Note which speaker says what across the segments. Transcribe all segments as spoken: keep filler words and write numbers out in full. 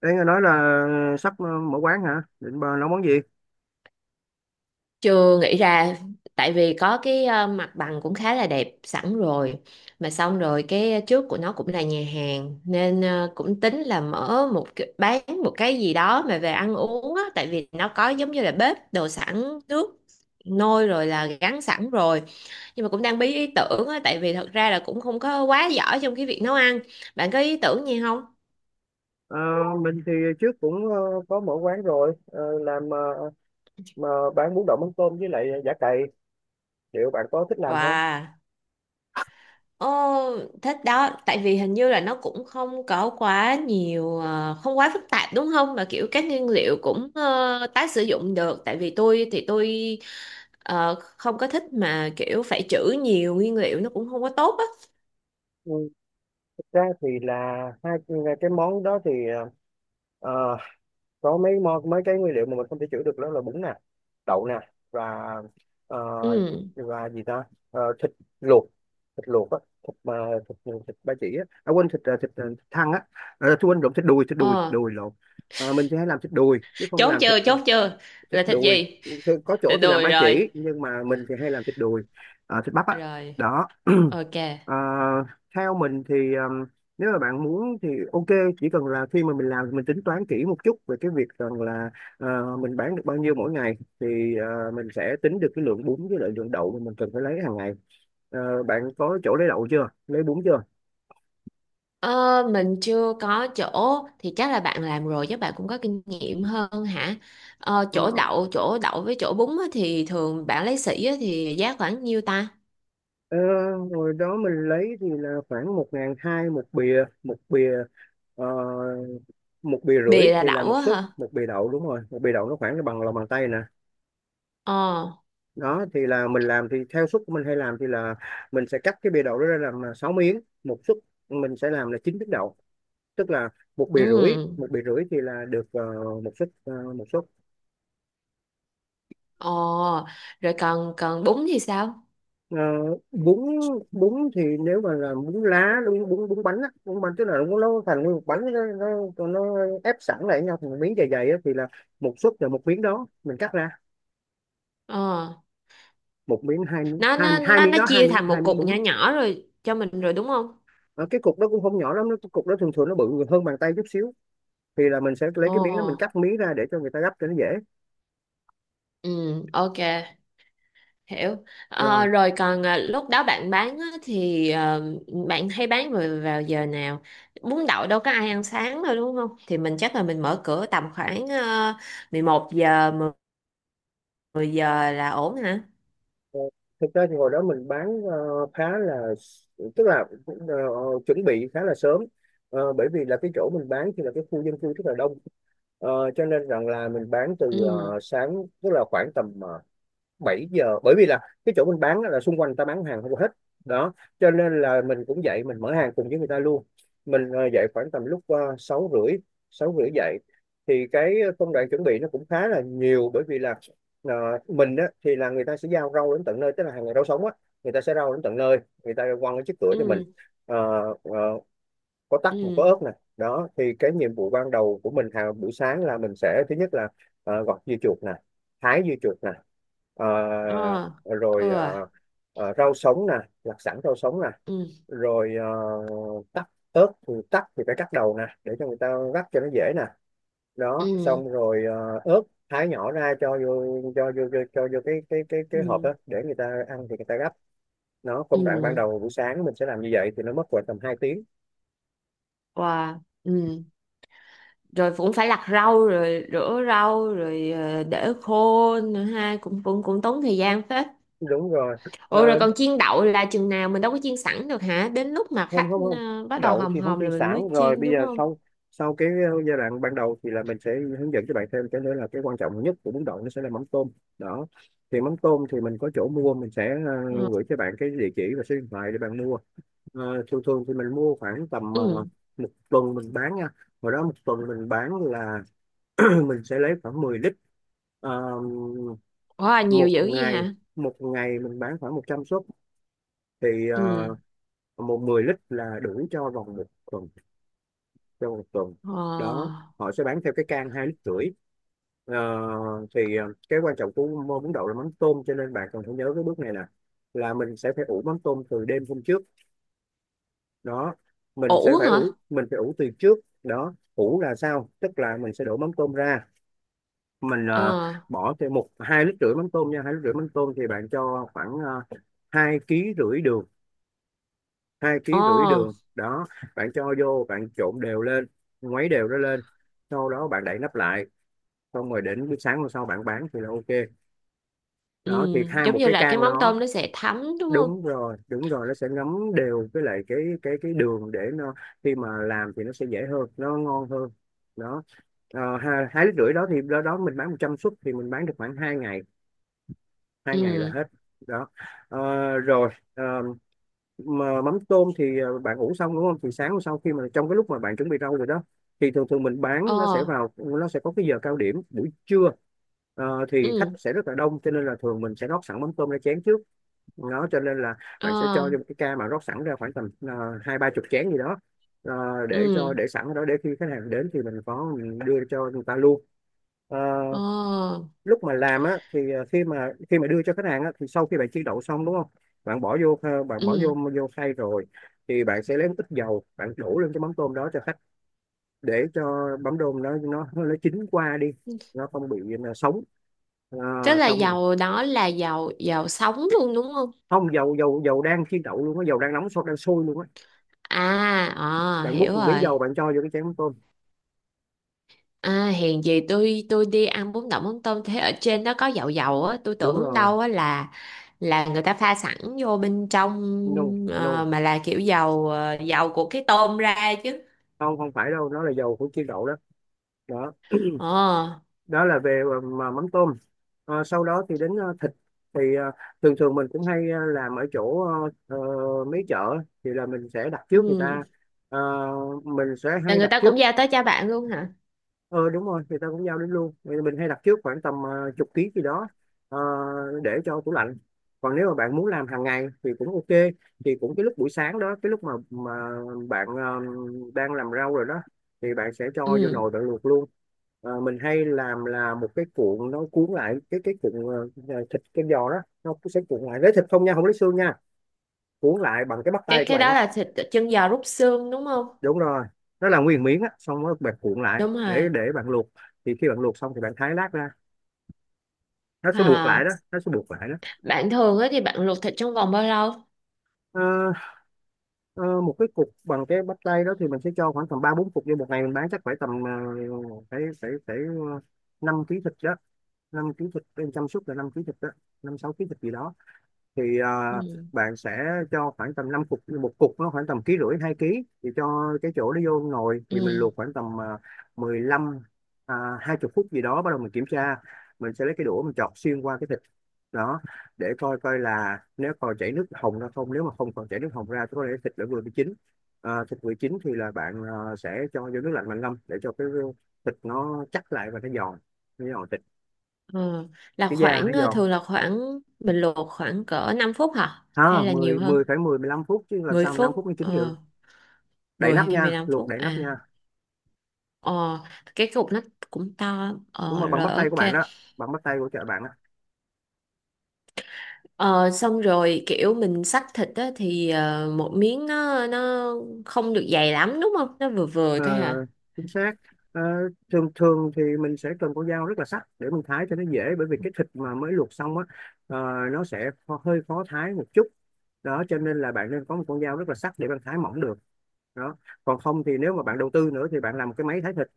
Speaker 1: Đấy, nghe nói là sắp ờ, mở quán hả? Định bà nấu món gì?
Speaker 2: Chưa nghĩ ra tại vì có cái ờ, mặt bằng cũng khá là đẹp sẵn rồi. Mà xong rồi cái trước của nó cũng là nhà hàng nên ờ, cũng tính là mở một cái- bán một cái gì đó mà về ăn uống á, tại vì nó có giống như là bếp đồ sẵn nước nôi rồi, là gắn sẵn rồi, nhưng mà cũng đang bí ý tưởng á tại vì thật ra là cũng không có quá giỏi trong cái việc nấu ăn. Bạn có ý tưởng gì không?
Speaker 1: Ờ, mình thì trước cũng ờ, có mở quán rồi, ờ, làm ờ, mà bán bún đậu mắm tôm với lại giả cày. Liệu bạn có thích làm không?
Speaker 2: Wow. Ồ, thích đó, tại vì hình như là nó cũng không có quá nhiều, ờ, không quá phức tạp đúng không? Mà kiểu các nguyên liệu cũng ờ, tái sử dụng được, tại vì tôi thì tôi ờ, không có thích mà kiểu phải trữ nhiều nguyên liệu nó cũng không có tốt á.
Speaker 1: Ừ, thực ra thì là hai cái món đó thì ờ, ờ, có mấy mo- mấy cái nguyên liệu mà mình không thể chữa được, đó là bún nè, đậu nè, và ờ,
Speaker 2: Ừ,
Speaker 1: và gì ta. Ờ, thịt luộc, thịt luộc á thịt mà thịt, thịt ba chỉ á, à quên thịt ờ, thịt, ờ, thịt thăn á, à, tôi quên lộn thịt đùi, thịt đùi thịt
Speaker 2: ờ,
Speaker 1: đùi lộn. Ờ, mình sẽ làm thịt đùi chứ không
Speaker 2: chốt
Speaker 1: làm thịt
Speaker 2: chưa,
Speaker 1: ờ,
Speaker 2: chốt chưa,
Speaker 1: thịt
Speaker 2: là thịt
Speaker 1: đùi.
Speaker 2: gì?
Speaker 1: Thì có chỗ
Speaker 2: Thịt
Speaker 1: thì làm
Speaker 2: đùi
Speaker 1: ba
Speaker 2: rồi,
Speaker 1: chỉ nhưng mà mình thì hay làm thịt đùi, ờ, thịt bắp á,
Speaker 2: rồi,
Speaker 1: đó.
Speaker 2: ok.
Speaker 1: Ờ, theo mình thì ừm, nếu mà bạn muốn thì ok, chỉ cần là khi mà mình làm thì mình tính toán kỹ một chút về cái việc rằng là ờ, mình bán được bao nhiêu mỗi ngày thì ờ, mình sẽ tính được cái lượng bún với lại lượng đậu mà mình cần phải lấy hàng ngày. Ờ, bạn có chỗ lấy đậu chưa, lấy bún chưa?
Speaker 2: Ờ, mình chưa có chỗ, thì chắc là bạn làm rồi chứ, bạn cũng có kinh nghiệm hơn hả? Ờ,
Speaker 1: Ờ,
Speaker 2: chỗ đậu, chỗ đậu với chỗ bún á, thì thường bạn lấy sỉ á, thì giá khoảng nhiêu ta?
Speaker 1: ờ, hồi đó mình lấy thì là khoảng một ngàn hai một bìa, một bìa ờ, một bìa
Speaker 2: Bì
Speaker 1: rưỡi
Speaker 2: là
Speaker 1: thì là
Speaker 2: đậu
Speaker 1: một
Speaker 2: á
Speaker 1: suất,
Speaker 2: hả?
Speaker 1: một bìa đậu, đúng rồi, một bìa đậu nó khoảng bằng lòng bàn tay nè.
Speaker 2: Ờ,
Speaker 1: Đó thì là mình làm thì theo suất của mình, hay làm thì là mình sẽ cắt cái bìa đậu đó ra làm à, sáu miếng một suất, mình sẽ làm là chín miếng đậu, tức là một bìa rưỡi,
Speaker 2: ừ.
Speaker 1: một bìa rưỡi thì là được ờ, một suất, ờ, một suất
Speaker 2: Ờ, rồi còn còn bún thì sao?
Speaker 1: Ờ, bún, bún thì nếu mà là bún lá bún, bún bún bánh á, bún bánh tức là nó nó thành nguyên một bánh, nó, nó, nó ép sẵn lại với nhau thành một miếng dày dày á, thì là một suất là một miếng đó mình cắt ra,
Speaker 2: Ờ,
Speaker 1: một miếng, hai miếng
Speaker 2: nó
Speaker 1: hai,
Speaker 2: nó
Speaker 1: hai
Speaker 2: nó
Speaker 1: miếng
Speaker 2: nó
Speaker 1: đó, hai
Speaker 2: chia
Speaker 1: miếng
Speaker 2: thành
Speaker 1: hai
Speaker 2: một
Speaker 1: miếng
Speaker 2: cục nhỏ
Speaker 1: bún.
Speaker 2: nhỏ rồi cho mình rồi đúng không?
Speaker 1: Ờ, cái cục đó cũng không nhỏ lắm, nó- cái cục đó thường thường nó bự hơn bàn tay chút xíu, thì là mình sẽ lấy
Speaker 2: Ờ,
Speaker 1: cái miếng đó mình cắt miếng ra để cho người ta gấp cho nó dễ.
Speaker 2: ừ, ok. Hiểu. Ờ,
Speaker 1: Rồi
Speaker 2: rồi còn à, lúc đó bạn bán á, thì ờ, bạn hay bán rồi vào giờ nào? Bún đậu đâu có ai ăn sáng đâu đúng không, thì mình chắc là mình mở cửa tầm khoảng uh, mười một giờ, mười mười giờ là ổn hả?
Speaker 1: ờ, thực ra thì hồi đó mình bán ờ, khá là, tức là ờ, chuẩn bị khá là sớm. Ờ, bởi vì là cái chỗ mình bán thì là cái khu dân cư rất là đông. Ờ, cho nên rằng là mình bán từ
Speaker 2: Ừ,
Speaker 1: ờ, sáng, tức là khoảng tầm ờ, bảy giờ, bởi vì là cái chỗ mình bán là xung quanh người ta bán hàng không hết, đó cho nên là mình cũng dậy mình mở hàng cùng với người ta luôn. Mình ờ, dậy khoảng tầm lúc ờ, sáu rưỡi, sáu rưỡi dậy, thì cái công đoạn chuẩn bị nó cũng khá là nhiều, bởi vì là ờ, mình á, thì là người ta sẽ giao rau đến tận nơi, tức là hàng ngày rau sống á, người ta sẽ rau đến tận nơi, người ta quăng cái chiếc cửa cho mình.
Speaker 2: ừ,
Speaker 1: Ờ, ờ, có tắc mà có
Speaker 2: ừ,
Speaker 1: ớt nè. Đó thì cái nhiệm vụ ban đầu của mình hàng buổi sáng là mình sẽ thứ nhất là ờ, gọt dưa chuột nè, thái dưa chuột nè, ờ,
Speaker 2: ờ, ừ,
Speaker 1: rồi ờ, ờ, rau sống nè, lặt sẵn rau sống nè,
Speaker 2: ừ,
Speaker 1: rồi ờ, tắc ớt, thì tắc thì phải cắt đầu nè để cho người ta rắc cho nó dễ nè. Đó
Speaker 2: ừ,
Speaker 1: xong rồi ờ, ớt thái nhỏ ra cho vô, cho vô cho, cho vô cái cái cái cái hộp
Speaker 2: ừ,
Speaker 1: đó để người ta ăn thì người ta gắp. Nó công đoạn ban
Speaker 2: ừ,
Speaker 1: đầu buổi sáng mình sẽ làm như vậy thì nó mất khoảng tầm hai tiếng.
Speaker 2: wow, ừ, rồi cũng phải lặt rau rồi rửa rau rồi ờ, để khô nữa ha, cũng cũng cũng tốn thời gian phết.
Speaker 1: Đúng rồi. Ờ,
Speaker 2: Ủa, rồi còn chiên đậu là chừng nào, mình đâu có chiên sẵn được hả? Đến lúc mà
Speaker 1: không,
Speaker 2: khách
Speaker 1: không, không,
Speaker 2: ờ, bắt đầu
Speaker 1: đậu
Speaker 2: hòm
Speaker 1: thì không
Speaker 2: hòm
Speaker 1: chiên
Speaker 2: là mình
Speaker 1: sẵn
Speaker 2: mới
Speaker 1: rồi,
Speaker 2: chiên
Speaker 1: bây
Speaker 2: đúng
Speaker 1: giờ
Speaker 2: không?
Speaker 1: sau, sau cái uh, giai đoạn ban đầu thì là mình sẽ hướng dẫn cho bạn thêm cái nữa, là cái quan trọng nhất của bún đậu nó sẽ là mắm tôm. Đó thì mắm tôm thì mình có chỗ mua, mình sẽ
Speaker 2: Ờ.
Speaker 1: uh, gửi cho bạn cái địa chỉ và số điện thoại để bạn mua. Ờ, thường thường thì mình mua khoảng tầm ờ,
Speaker 2: Ừ.
Speaker 1: một tuần mình bán nha, hồi đó một tuần mình bán là mình sẽ lấy khoảng mười lít. Ờ,
Speaker 2: Ủa nhiều
Speaker 1: một
Speaker 2: dữ gì
Speaker 1: ngày,
Speaker 2: hả?
Speaker 1: một ngày mình bán khoảng một trăm suất, thì ờ,
Speaker 2: Ừ.
Speaker 1: một mười lít là đủ cho vòng một tuần, trong một tuần đó.
Speaker 2: Ờ.
Speaker 1: Họ sẽ bán theo cái can hai lít rưỡi. Ờ, thì ờ, cái quan trọng của món bún đậu là mắm tôm, cho nên bạn cần phải nhớ cái bước này nè, là mình sẽ phải ủ mắm tôm từ đêm hôm trước. Đó, mình sẽ
Speaker 2: Ủ
Speaker 1: phải ủ,
Speaker 2: hả?
Speaker 1: mình phải ủ từ trước đó. Ủ là sao? Tức là mình sẽ đổ mắm tôm ra, mình ờ,
Speaker 2: Ờ.
Speaker 1: bỏ thêm một hai lít rưỡi mắm tôm nha, hai lít rưỡi mắm tôm thì bạn cho khoảng uh, hai ký rưỡi đường, hai ký rưỡi
Speaker 2: Ờ.
Speaker 1: đường đó, bạn cho vô bạn trộn đều lên, ngoáy đều nó lên, sau đó bạn đậy nắp lại, xong rồi đến buổi sáng hôm sau bạn bán thì là ok.
Speaker 2: Ừ.
Speaker 1: Đó thì hai
Speaker 2: Giống
Speaker 1: một
Speaker 2: như
Speaker 1: cái
Speaker 2: là cái
Speaker 1: can
Speaker 2: mắm
Speaker 1: đó.
Speaker 2: tôm nó sẽ thấm đúng không?
Speaker 1: Đúng rồi, đúng rồi, nó sẽ ngấm đều với lại cái cái cái đường, để nó khi mà làm thì nó sẽ dễ hơn, nó ngon hơn. Đó. Ờ, hai, hai lít rưỡi đó thì đó, đó mình bán một trăm suất thì mình bán được khoảng hai ngày, hai ngày là
Speaker 2: Ừ.
Speaker 1: hết. Đó. Ờ, rồi ờ, mà mắm tôm thì ờ, bạn ủ xong đúng không, thì sáng hôm sau khi mà trong cái lúc mà bạn chuẩn bị rau rồi đó, thì thường thường mình bán nó sẽ
Speaker 2: Ờ.
Speaker 1: vào, nó sẽ có cái giờ cao điểm buổi trưa. Ờ, thì khách
Speaker 2: Ừ.
Speaker 1: sẽ rất là đông, cho nên là thường mình sẽ rót sẵn mắm tôm ra chén trước, đó cho nên là bạn sẽ cho
Speaker 2: Ờ.
Speaker 1: một cái ca mà rót sẵn ra khoảng tầm ờ, hai ba chục chén gì đó. Ờ, để
Speaker 2: Ừ.
Speaker 1: cho, để sẵn ở đó, để khi khách hàng đến thì mình có mình đưa cho người ta luôn. Ờ,
Speaker 2: Ờ.
Speaker 1: lúc mà làm á thì ờ, khi mà, khi mà đưa cho khách hàng á, thì sau khi bạn chiên đậu xong đúng không, bạn bỏ vô ờ, bạn bỏ vô
Speaker 2: Ừ.
Speaker 1: vô khay rồi, thì bạn sẽ lấy một ít dầu bạn đổ lên cái mắm tôm đó cho khách, để cho mắm tôm nó nó nó chín qua đi, nó không bị nó sống. Ờ,
Speaker 2: Tức là
Speaker 1: xong rồi,
Speaker 2: dầu đó là dầu dầu sống luôn đúng không?
Speaker 1: không, dầu dầu dầu đang chiên đậu luôn á, dầu đang nóng sôi, đang sôi luôn á,
Speaker 2: À, ờ,
Speaker 1: bạn
Speaker 2: hiểu
Speaker 1: múc một miếng
Speaker 2: rồi.
Speaker 1: dầu bạn cho vô cái chén mắm tôm.
Speaker 2: À, hèn gì tôi tôi đi ăn bún đậu mắm tôm thế ở trên nó có dầu dầu á, tôi
Speaker 1: Đúng
Speaker 2: tưởng
Speaker 1: rồi,
Speaker 2: đâu á là là người ta pha sẵn vô bên trong,
Speaker 1: no,
Speaker 2: ờ,
Speaker 1: no,
Speaker 2: mà là kiểu dầu ờ, dầu của cái tôm ra chứ.
Speaker 1: không, không phải đâu, nó là dầu của chiên đậu đó. Đó,
Speaker 2: Ờ,
Speaker 1: đó là về ờ, mà mắm tôm. Ờ, sau đó thì đến ờ, thịt, thì ờ, thường thường mình cũng hay ờ, làm ở chỗ ờ, ờ, mấy chợ, thì là mình sẽ đặt trước người
Speaker 2: ừ.
Speaker 1: ta. Ờ, mình sẽ
Speaker 2: Là
Speaker 1: hay
Speaker 2: người
Speaker 1: đặt
Speaker 2: ta
Speaker 1: trước.
Speaker 2: cũng giao tới cho bạn luôn hả?
Speaker 1: ờ đúng rồi, người ta cũng giao đến luôn. Vậy mình hay đặt trước khoảng tầm ờ, chục ký gì đó, ờ, để cho tủ lạnh. Còn nếu mà bạn muốn làm hàng ngày thì cũng ok, thì cũng cái lúc buổi sáng đó, cái lúc mà mà bạn ờ, đang làm rau rồi đó, thì bạn sẽ cho vô
Speaker 2: Ừ.
Speaker 1: nồi bạn luộc luôn. Ờ, mình hay làm là một cái cuộn, nó cuốn lại cái, cái cuộn ờ, ờ, thịt cái giò đó, nó cũng sẽ cuộn lại, lấy thịt không nha, không lấy xương nha, cuốn lại bằng cái bắp tay
Speaker 2: cái
Speaker 1: của
Speaker 2: cái
Speaker 1: bạn
Speaker 2: đó
Speaker 1: á.
Speaker 2: là thịt chân giò rút xương đúng không?
Speaker 1: Đúng rồi, nó là nguyên miếng á, xong rồi bạn cuộn lại
Speaker 2: Đúng
Speaker 1: để
Speaker 2: rồi.
Speaker 1: để bạn luộc, thì khi bạn luộc xong thì bạn thái lát ra. Nó sẽ buộc lại
Speaker 2: À,
Speaker 1: đó, nó sẽ buộc lại đó.
Speaker 2: bạn thường á thì bạn luộc thịt trong vòng bao lâu?
Speaker 1: Ờ, ờ, một cái cục bằng cái bắp tay đó thì mình sẽ cho khoảng tầm ba bốn cục vô, một ngày mình bán chắc phải tầm uh, phải phải phải ờ, năm ký thịt đó, năm ký thịt em chăm sóc là năm ký thịt đó, năm sáu ký thịt gì đó. Thì
Speaker 2: Ừ.
Speaker 1: à, bạn sẽ cho khoảng tầm năm cục, một cục nó khoảng tầm ký rưỡi hai ký, thì cho cái chỗ nó vô nồi thì mình
Speaker 2: Ừ.
Speaker 1: luộc khoảng tầm à, mười lăm, à, hai mươi phút gì đó, bắt đầu mình kiểm tra, mình sẽ lấy cái đũa mình chọt xuyên qua cái thịt đó, để coi coi là Nếu còn chảy nước hồng ra không, nếu mà không còn chảy nước hồng ra thì có thể thịt đã vừa bị chín. À, thịt vừa chín thì là bạn à, sẽ cho vô nước lạnh, bạn ngâm để cho cái thịt nó chắc lại và nó giòn, nó giòn thịt,
Speaker 2: Ờ, là
Speaker 1: cái da
Speaker 2: khoảng
Speaker 1: nó
Speaker 2: ờ,
Speaker 1: giòn.
Speaker 2: thường là khoảng mình luộc khoảng cỡ năm phút hả, hay
Speaker 1: Ha,
Speaker 2: là nhiều
Speaker 1: mười, mười
Speaker 2: hơn
Speaker 1: phải, mười mười lăm phút chứ làm
Speaker 2: mười
Speaker 1: sao mà năm phút
Speaker 2: phút
Speaker 1: mới chín được.
Speaker 2: Ờ,
Speaker 1: Đậy
Speaker 2: mười
Speaker 1: nắp
Speaker 2: hay
Speaker 1: nha,
Speaker 2: mười lăm
Speaker 1: luộc
Speaker 2: phút
Speaker 1: đậy nắp nha.
Speaker 2: à? Ờ, cái cục nó cũng to,
Speaker 1: Đúng rồi,
Speaker 2: ờ,
Speaker 1: bằng
Speaker 2: rồi
Speaker 1: bắp tay của
Speaker 2: ok.
Speaker 1: bạn đó, bằng bắp tay của chợ bạn đó.
Speaker 2: Ờ, xong rồi kiểu mình xắt thịt á, thì ờ, một miếng nó nó không được dày lắm đúng không, nó vừa vừa
Speaker 1: Ờ,
Speaker 2: thôi hả?
Speaker 1: chính xác. Ờ, thường thường thì mình sẽ cần con dao rất là sắc để mình thái cho nó dễ, bởi vì cái thịt mà mới luộc xong á, ờ, nó sẽ kho- hơi khó thái một chút. Đó cho nên là bạn nên có một con dao rất là sắc để bạn thái mỏng được đó. Còn không thì nếu mà bạn đầu tư nữa thì bạn làm một cái máy thái thịt,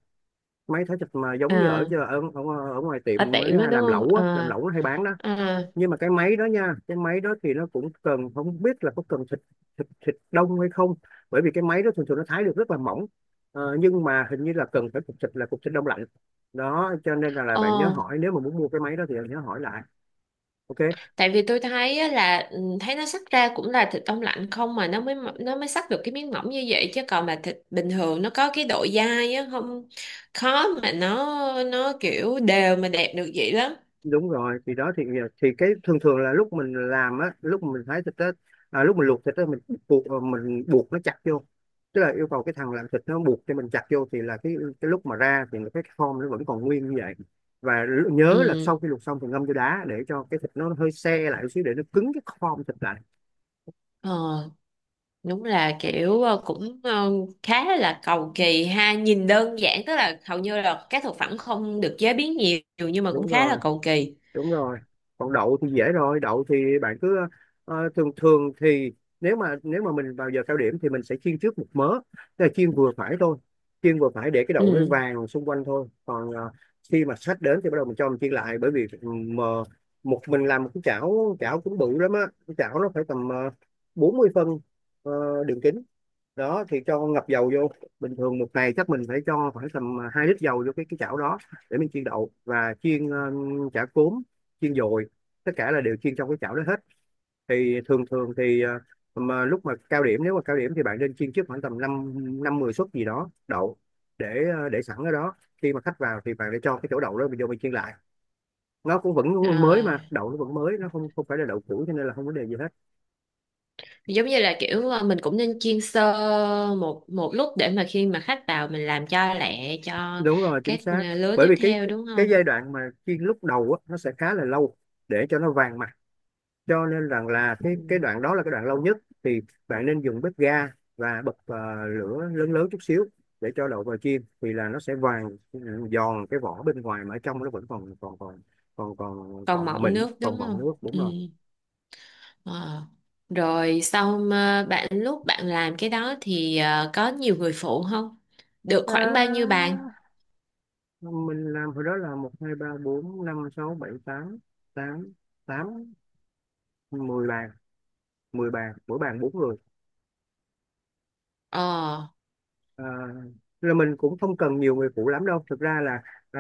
Speaker 1: máy thái thịt mà giống như ở
Speaker 2: À,
Speaker 1: ở, ở, ở ngoài
Speaker 2: ở
Speaker 1: tiệm mới
Speaker 2: tiệm á
Speaker 1: hay
Speaker 2: đúng
Speaker 1: làm
Speaker 2: không?
Speaker 1: lẩu á, làm
Speaker 2: À.
Speaker 1: lẩu nó hay bán đó.
Speaker 2: À.
Speaker 1: Nhưng mà cái máy đó nha, cái máy đó thì nó cũng cần, không biết là có cần thịt thịt thịt đông hay không, bởi vì cái máy đó thường thường nó thái được rất là mỏng. Ờ, nhưng mà hình như là cần phải cục thịt là cục thịt đông lạnh. Đó cho nên là, là bạn nhớ
Speaker 2: Ờ,
Speaker 1: hỏi, nếu mà muốn mua cái máy đó thì bạn nhớ hỏi lại. OK.
Speaker 2: tại vì tôi thấy á là ừ, thấy nó xắt ra cũng là thịt đông lạnh không mà nó mới nó mới xắt được cái miếng mỏng như vậy, chứ còn mà thịt bình thường nó có cái độ dai á không khó mà nó nó kiểu đều mà đẹp được vậy lắm.
Speaker 1: Đúng rồi thì đó, thì thì cái thường thường là lúc mình làm á, lúc mình thái thịt á, à, lúc mình luộc thịt á mình buộc, ờ, mình buộc nó chặt vô, tức là yêu cầu cái thằng làm thịt nó buộc cho mình chặt vô thì là cái cái lúc mà ra thì cái form nó vẫn còn nguyên như vậy. Và l- nhớ là sau
Speaker 2: Ừ,
Speaker 1: khi luộc xong thì ngâm vô đá để cho cái thịt nó hơi se lại một xíu, để nó cứng cái form thịt lại.
Speaker 2: ờ, đúng là kiểu ờ, cũng ờ, khá là cầu kỳ ha, nhìn đơn giản tức là hầu như là các thực phẩm không được chế biến nhiều nhưng mà cũng
Speaker 1: Đúng
Speaker 2: khá là
Speaker 1: rồi,
Speaker 2: cầu kỳ.
Speaker 1: đúng rồi. Còn đậu thì dễ rồi, đậu thì bạn cứ, ờ, thường thường thì nếu mà nếu mà mình vào giờ cao điểm thì mình sẽ chiên trước một mớ, tức là chiên vừa phải thôi, chiên vừa phải để cái đậu nó
Speaker 2: Ừ.
Speaker 1: vàng xung quanh thôi, còn ờ, khi mà khách đến thì bắt đầu mình cho mình chiên lại, bởi vì mà một mình làm một cái chảo, chảo cũng bự lắm á. Cái chảo nó phải tầm uh, bốn mươi phân, ờ, đường kính. Đó thì cho ngập dầu vô. Bình thường một ngày chắc mình phải cho khoảng tầm, à, hai lít dầu vô cái cái chảo đó, để mình chiên đậu và chiên ờ, chả cốm, chiên dồi, tất cả là đều chiên trong cái chảo đó hết. Thì thường thường thì, ờ, mà lúc mà cao điểm, nếu mà cao điểm thì bạn nên chiên trước khoảng tầm năm, năm mười suất gì đó đậu, để ờ, để sẵn ở đó. Khi mà khách vào thì bạn để cho cái chỗ đậu đó mình vô mình chiên lại, nó cũng vẫn
Speaker 2: Ờ,
Speaker 1: mới, mà đậu nó vẫn mới, nó không không phải là đậu cũ cho nên là không vấn đề gì hết.
Speaker 2: giống như là kiểu ờ, mình cũng nên chiên sơ một một lúc để mà khi mà khách vào mình làm cho lẹ cho
Speaker 1: Đúng rồi, chính
Speaker 2: các ờ,
Speaker 1: xác.
Speaker 2: lứa
Speaker 1: Bởi
Speaker 2: tiếp
Speaker 1: vì cái
Speaker 2: theo đúng
Speaker 1: cái
Speaker 2: không?
Speaker 1: giai đoạn mà chiên lúc đầu á, nó sẽ khá là lâu để cho nó vàng mặt, cho nên rằng là
Speaker 2: Ừ.
Speaker 1: cái cái đoạn đó là cái đoạn lâu nhất. Thì bạn nên dùng bếp ga và bật ờ, lửa lớn lớn chút xíu, để cho đậu vào chiên thì là nó sẽ vàng, ừ, giòn cái vỏ bên ngoài, mà ở trong nó vẫn còn còn còn còn còn
Speaker 2: Còn
Speaker 1: còn
Speaker 2: mọng
Speaker 1: mịn,
Speaker 2: nước đúng
Speaker 1: còn mọng
Speaker 2: không?
Speaker 1: nước, đúng
Speaker 2: Ừ.
Speaker 1: rồi.
Speaker 2: Ờ. Rồi sau mà bạn lúc bạn làm cái đó thì ờ, có nhiều người phụ không, được khoảng bao nhiêu
Speaker 1: à,
Speaker 2: bàn?
Speaker 1: mình làm hồi đó là một, hai, ba, bốn, năm, sáu, bảy, tám, tám, tám, mười bàn. Mười bàn, mỗi bàn bốn người.
Speaker 2: Ờ,
Speaker 1: À, là mình cũng không cần nhiều người phụ lắm đâu, thực ra là, ờ,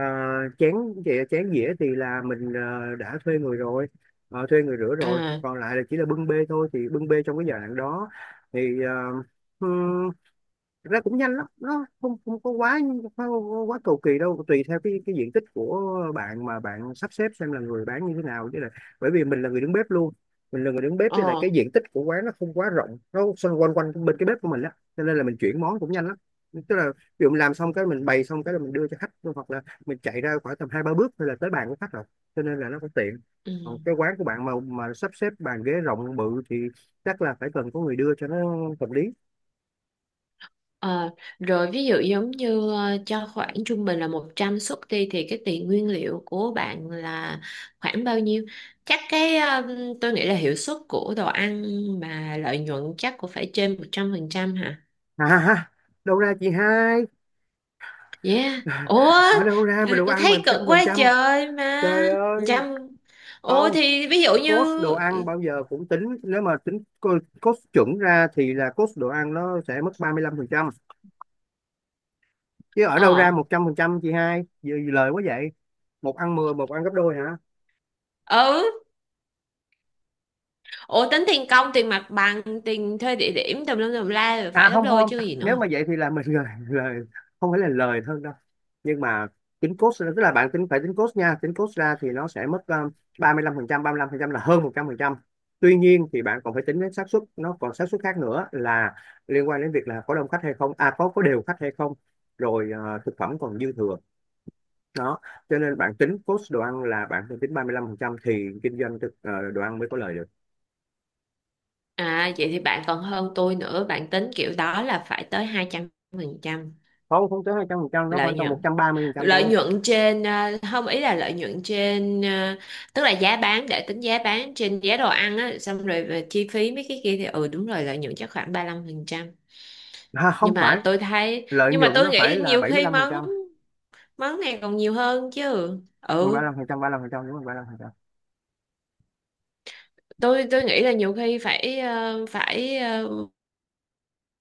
Speaker 1: chén, chè- chén dĩa thì là mình ờ, đã thuê người rồi. ờ, thuê người rửa rồi,
Speaker 2: à,
Speaker 1: còn lại là chỉ là bưng bê thôi, thì bưng bê trong cái giai đoạn đó thì thực ra cũng nhanh lắm, nó không không có quá, không quá cầu kỳ đâu, tùy theo cái cái diện tích của bạn mà bạn sắp xếp xem là người bán như thế nào chứ, là bởi vì mình là người đứng bếp luôn. Mình là người đứng bếp, với lại cái
Speaker 2: ờ,
Speaker 1: diện tích của quán nó không quá rộng, nó xung quanh quanh bên cái bếp của mình á, cho nên là mình chuyển món cũng nhanh lắm. Tức là ví dụ mình làm xong cái, mình bày xong cái là mình đưa cho khách thôi, hoặc là mình chạy ra khoảng tầm hai ba bước thôi là tới bàn của khách rồi, cho nên là nó cũng tiện. Còn
Speaker 2: ừ.
Speaker 1: cái quán của bạn mà mà sắp xếp bàn ghế rộng bự thì chắc là phải cần có người đưa cho nó hợp lý.
Speaker 2: Ờ, rồi ví dụ giống như ờ, cho khoảng trung bình là một trăm suất đi thì cái tiền nguyên liệu của bạn là khoảng bao nhiêu? Chắc cái ờ, tôi nghĩ là hiệu suất của đồ ăn mà lợi nhuận chắc cũng phải trên một trăm phần trăm hả?
Speaker 1: À, ha, Đâu ra chị hai?
Speaker 2: Yeah. Ủa,
Speaker 1: Ở đâu ra mà đồ
Speaker 2: tôi
Speaker 1: ăn mà
Speaker 2: thấy
Speaker 1: trăm
Speaker 2: cực
Speaker 1: phần
Speaker 2: quá
Speaker 1: trăm,
Speaker 2: trời mà.
Speaker 1: trời ơi.
Speaker 2: Trăm. Ủa
Speaker 1: Không,
Speaker 2: thì ví dụ như,
Speaker 1: cost đồ ăn bao giờ cũng tính, nếu mà tính co- cost chuẩn ra thì là cost đồ ăn nó sẽ mất ba mươi lăm phần trăm, chứ ở đâu ra
Speaker 2: ờ,
Speaker 1: một trăm phần trăm chị hai, giờ lời quá vậy. Một ăn mười, một ăn gấp đôi.
Speaker 2: ừ, ủa tính tiền công, tiền mặt bằng, tiền thuê địa điểm tùm lum tùm la rồi
Speaker 1: À
Speaker 2: phải gấp
Speaker 1: không
Speaker 2: đôi
Speaker 1: không,
Speaker 2: chứ gì
Speaker 1: nếu
Speaker 2: nữa.
Speaker 1: mà vậy thì là mình lời lời, không phải là lời hơn đâu. Nhưng mà tính cost tức là bạn tính, phải tính cost nha, tính cost ra thì nó sẽ mất, um, ba mươi lăm phần trăm, ba mươi lăm phần trăm là hơn một trăm phần trăm. Tuy nhiên thì bạn còn phải tính đến xác suất, nó còn xác suất khác nữa là liên quan đến việc là có đông khách hay không, à có có đều khách hay không, rồi ờ, thực phẩm còn dư thừa đó. Cho nên bạn tính cost đồ ăn là bạn phải tính ba mươi lăm phần trăm thì kinh doanh thực, ờ, đồ ăn mới có lời được.
Speaker 2: À vậy thì bạn còn hơn tôi nữa, bạn tính kiểu đó là phải tới hai trăm phần trăm
Speaker 1: Không, không tới hai trăm phần trăm, nó
Speaker 2: lợi
Speaker 1: khoảng tầm một
Speaker 2: nhuận.
Speaker 1: trăm ba mươi phần trăm
Speaker 2: Lợi
Speaker 1: thôi.
Speaker 2: nhuận trên à, không ý là lợi nhuận trên à, tức là giá bán để tính giá bán trên giá đồ ăn á, xong rồi về chi phí mấy cái kia thì ừ đúng rồi, lợi nhuận chắc khoảng ba lăm phần trăm.
Speaker 1: À,
Speaker 2: Nhưng
Speaker 1: không phải,
Speaker 2: mà tôi thấy,
Speaker 1: lợi
Speaker 2: nhưng mà
Speaker 1: nhuận
Speaker 2: tôi
Speaker 1: nó phải
Speaker 2: nghĩ
Speaker 1: là
Speaker 2: nhiều
Speaker 1: bảy mươi
Speaker 2: khi
Speaker 1: mươi
Speaker 2: món món này còn nhiều hơn chứ.
Speaker 1: mươi
Speaker 2: Ừ,
Speaker 1: lăm lăm phần phần trăm trăm ba ba lăm phần trăm, đúng rồi ba mươi lăm phần trăm.
Speaker 2: tôi tôi nghĩ là nhiều khi phải ờ, phải ờ,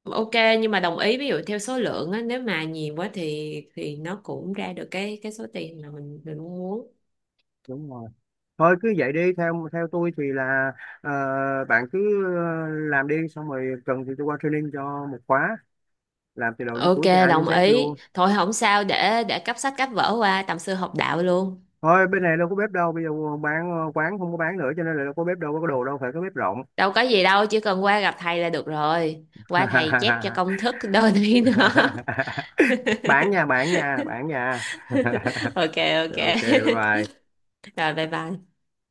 Speaker 2: Ok, nhưng mà đồng ý, ví dụ theo số lượng á nếu mà nhiều quá thì thì nó cũng ra được cái cái số tiền mà mình mình mong muốn.
Speaker 1: Đúng rồi, thôi cứ vậy đi, theo theo tôi thì là ờ, bạn cứ ờ, làm đi, xong rồi cần thì tôi qua training cho một khóa, làm từ đầu đến
Speaker 2: Ok,
Speaker 1: cuối, từ A đến
Speaker 2: đồng
Speaker 1: dét luôn.
Speaker 2: ý. Thôi không sao, để để cấp sách cấp vở qua tầm sư học đạo luôn.
Speaker 1: Thôi bên này đâu có bếp đâu, bây giờ bán, ờ, quán không có bán nữa cho nên là đâu có bếp, đâu có đồ, đâu phải có bếp rộng.
Speaker 2: Đâu có gì đâu, chỉ cần qua gặp thầy là được rồi. Qua thầy chép cho công thức đôi này đó.
Speaker 1: Bạn nhà, bạn nhà bạn nhà
Speaker 2: Ok,
Speaker 1: OK, bye
Speaker 2: ok.
Speaker 1: bye.
Speaker 2: Rồi bye bye.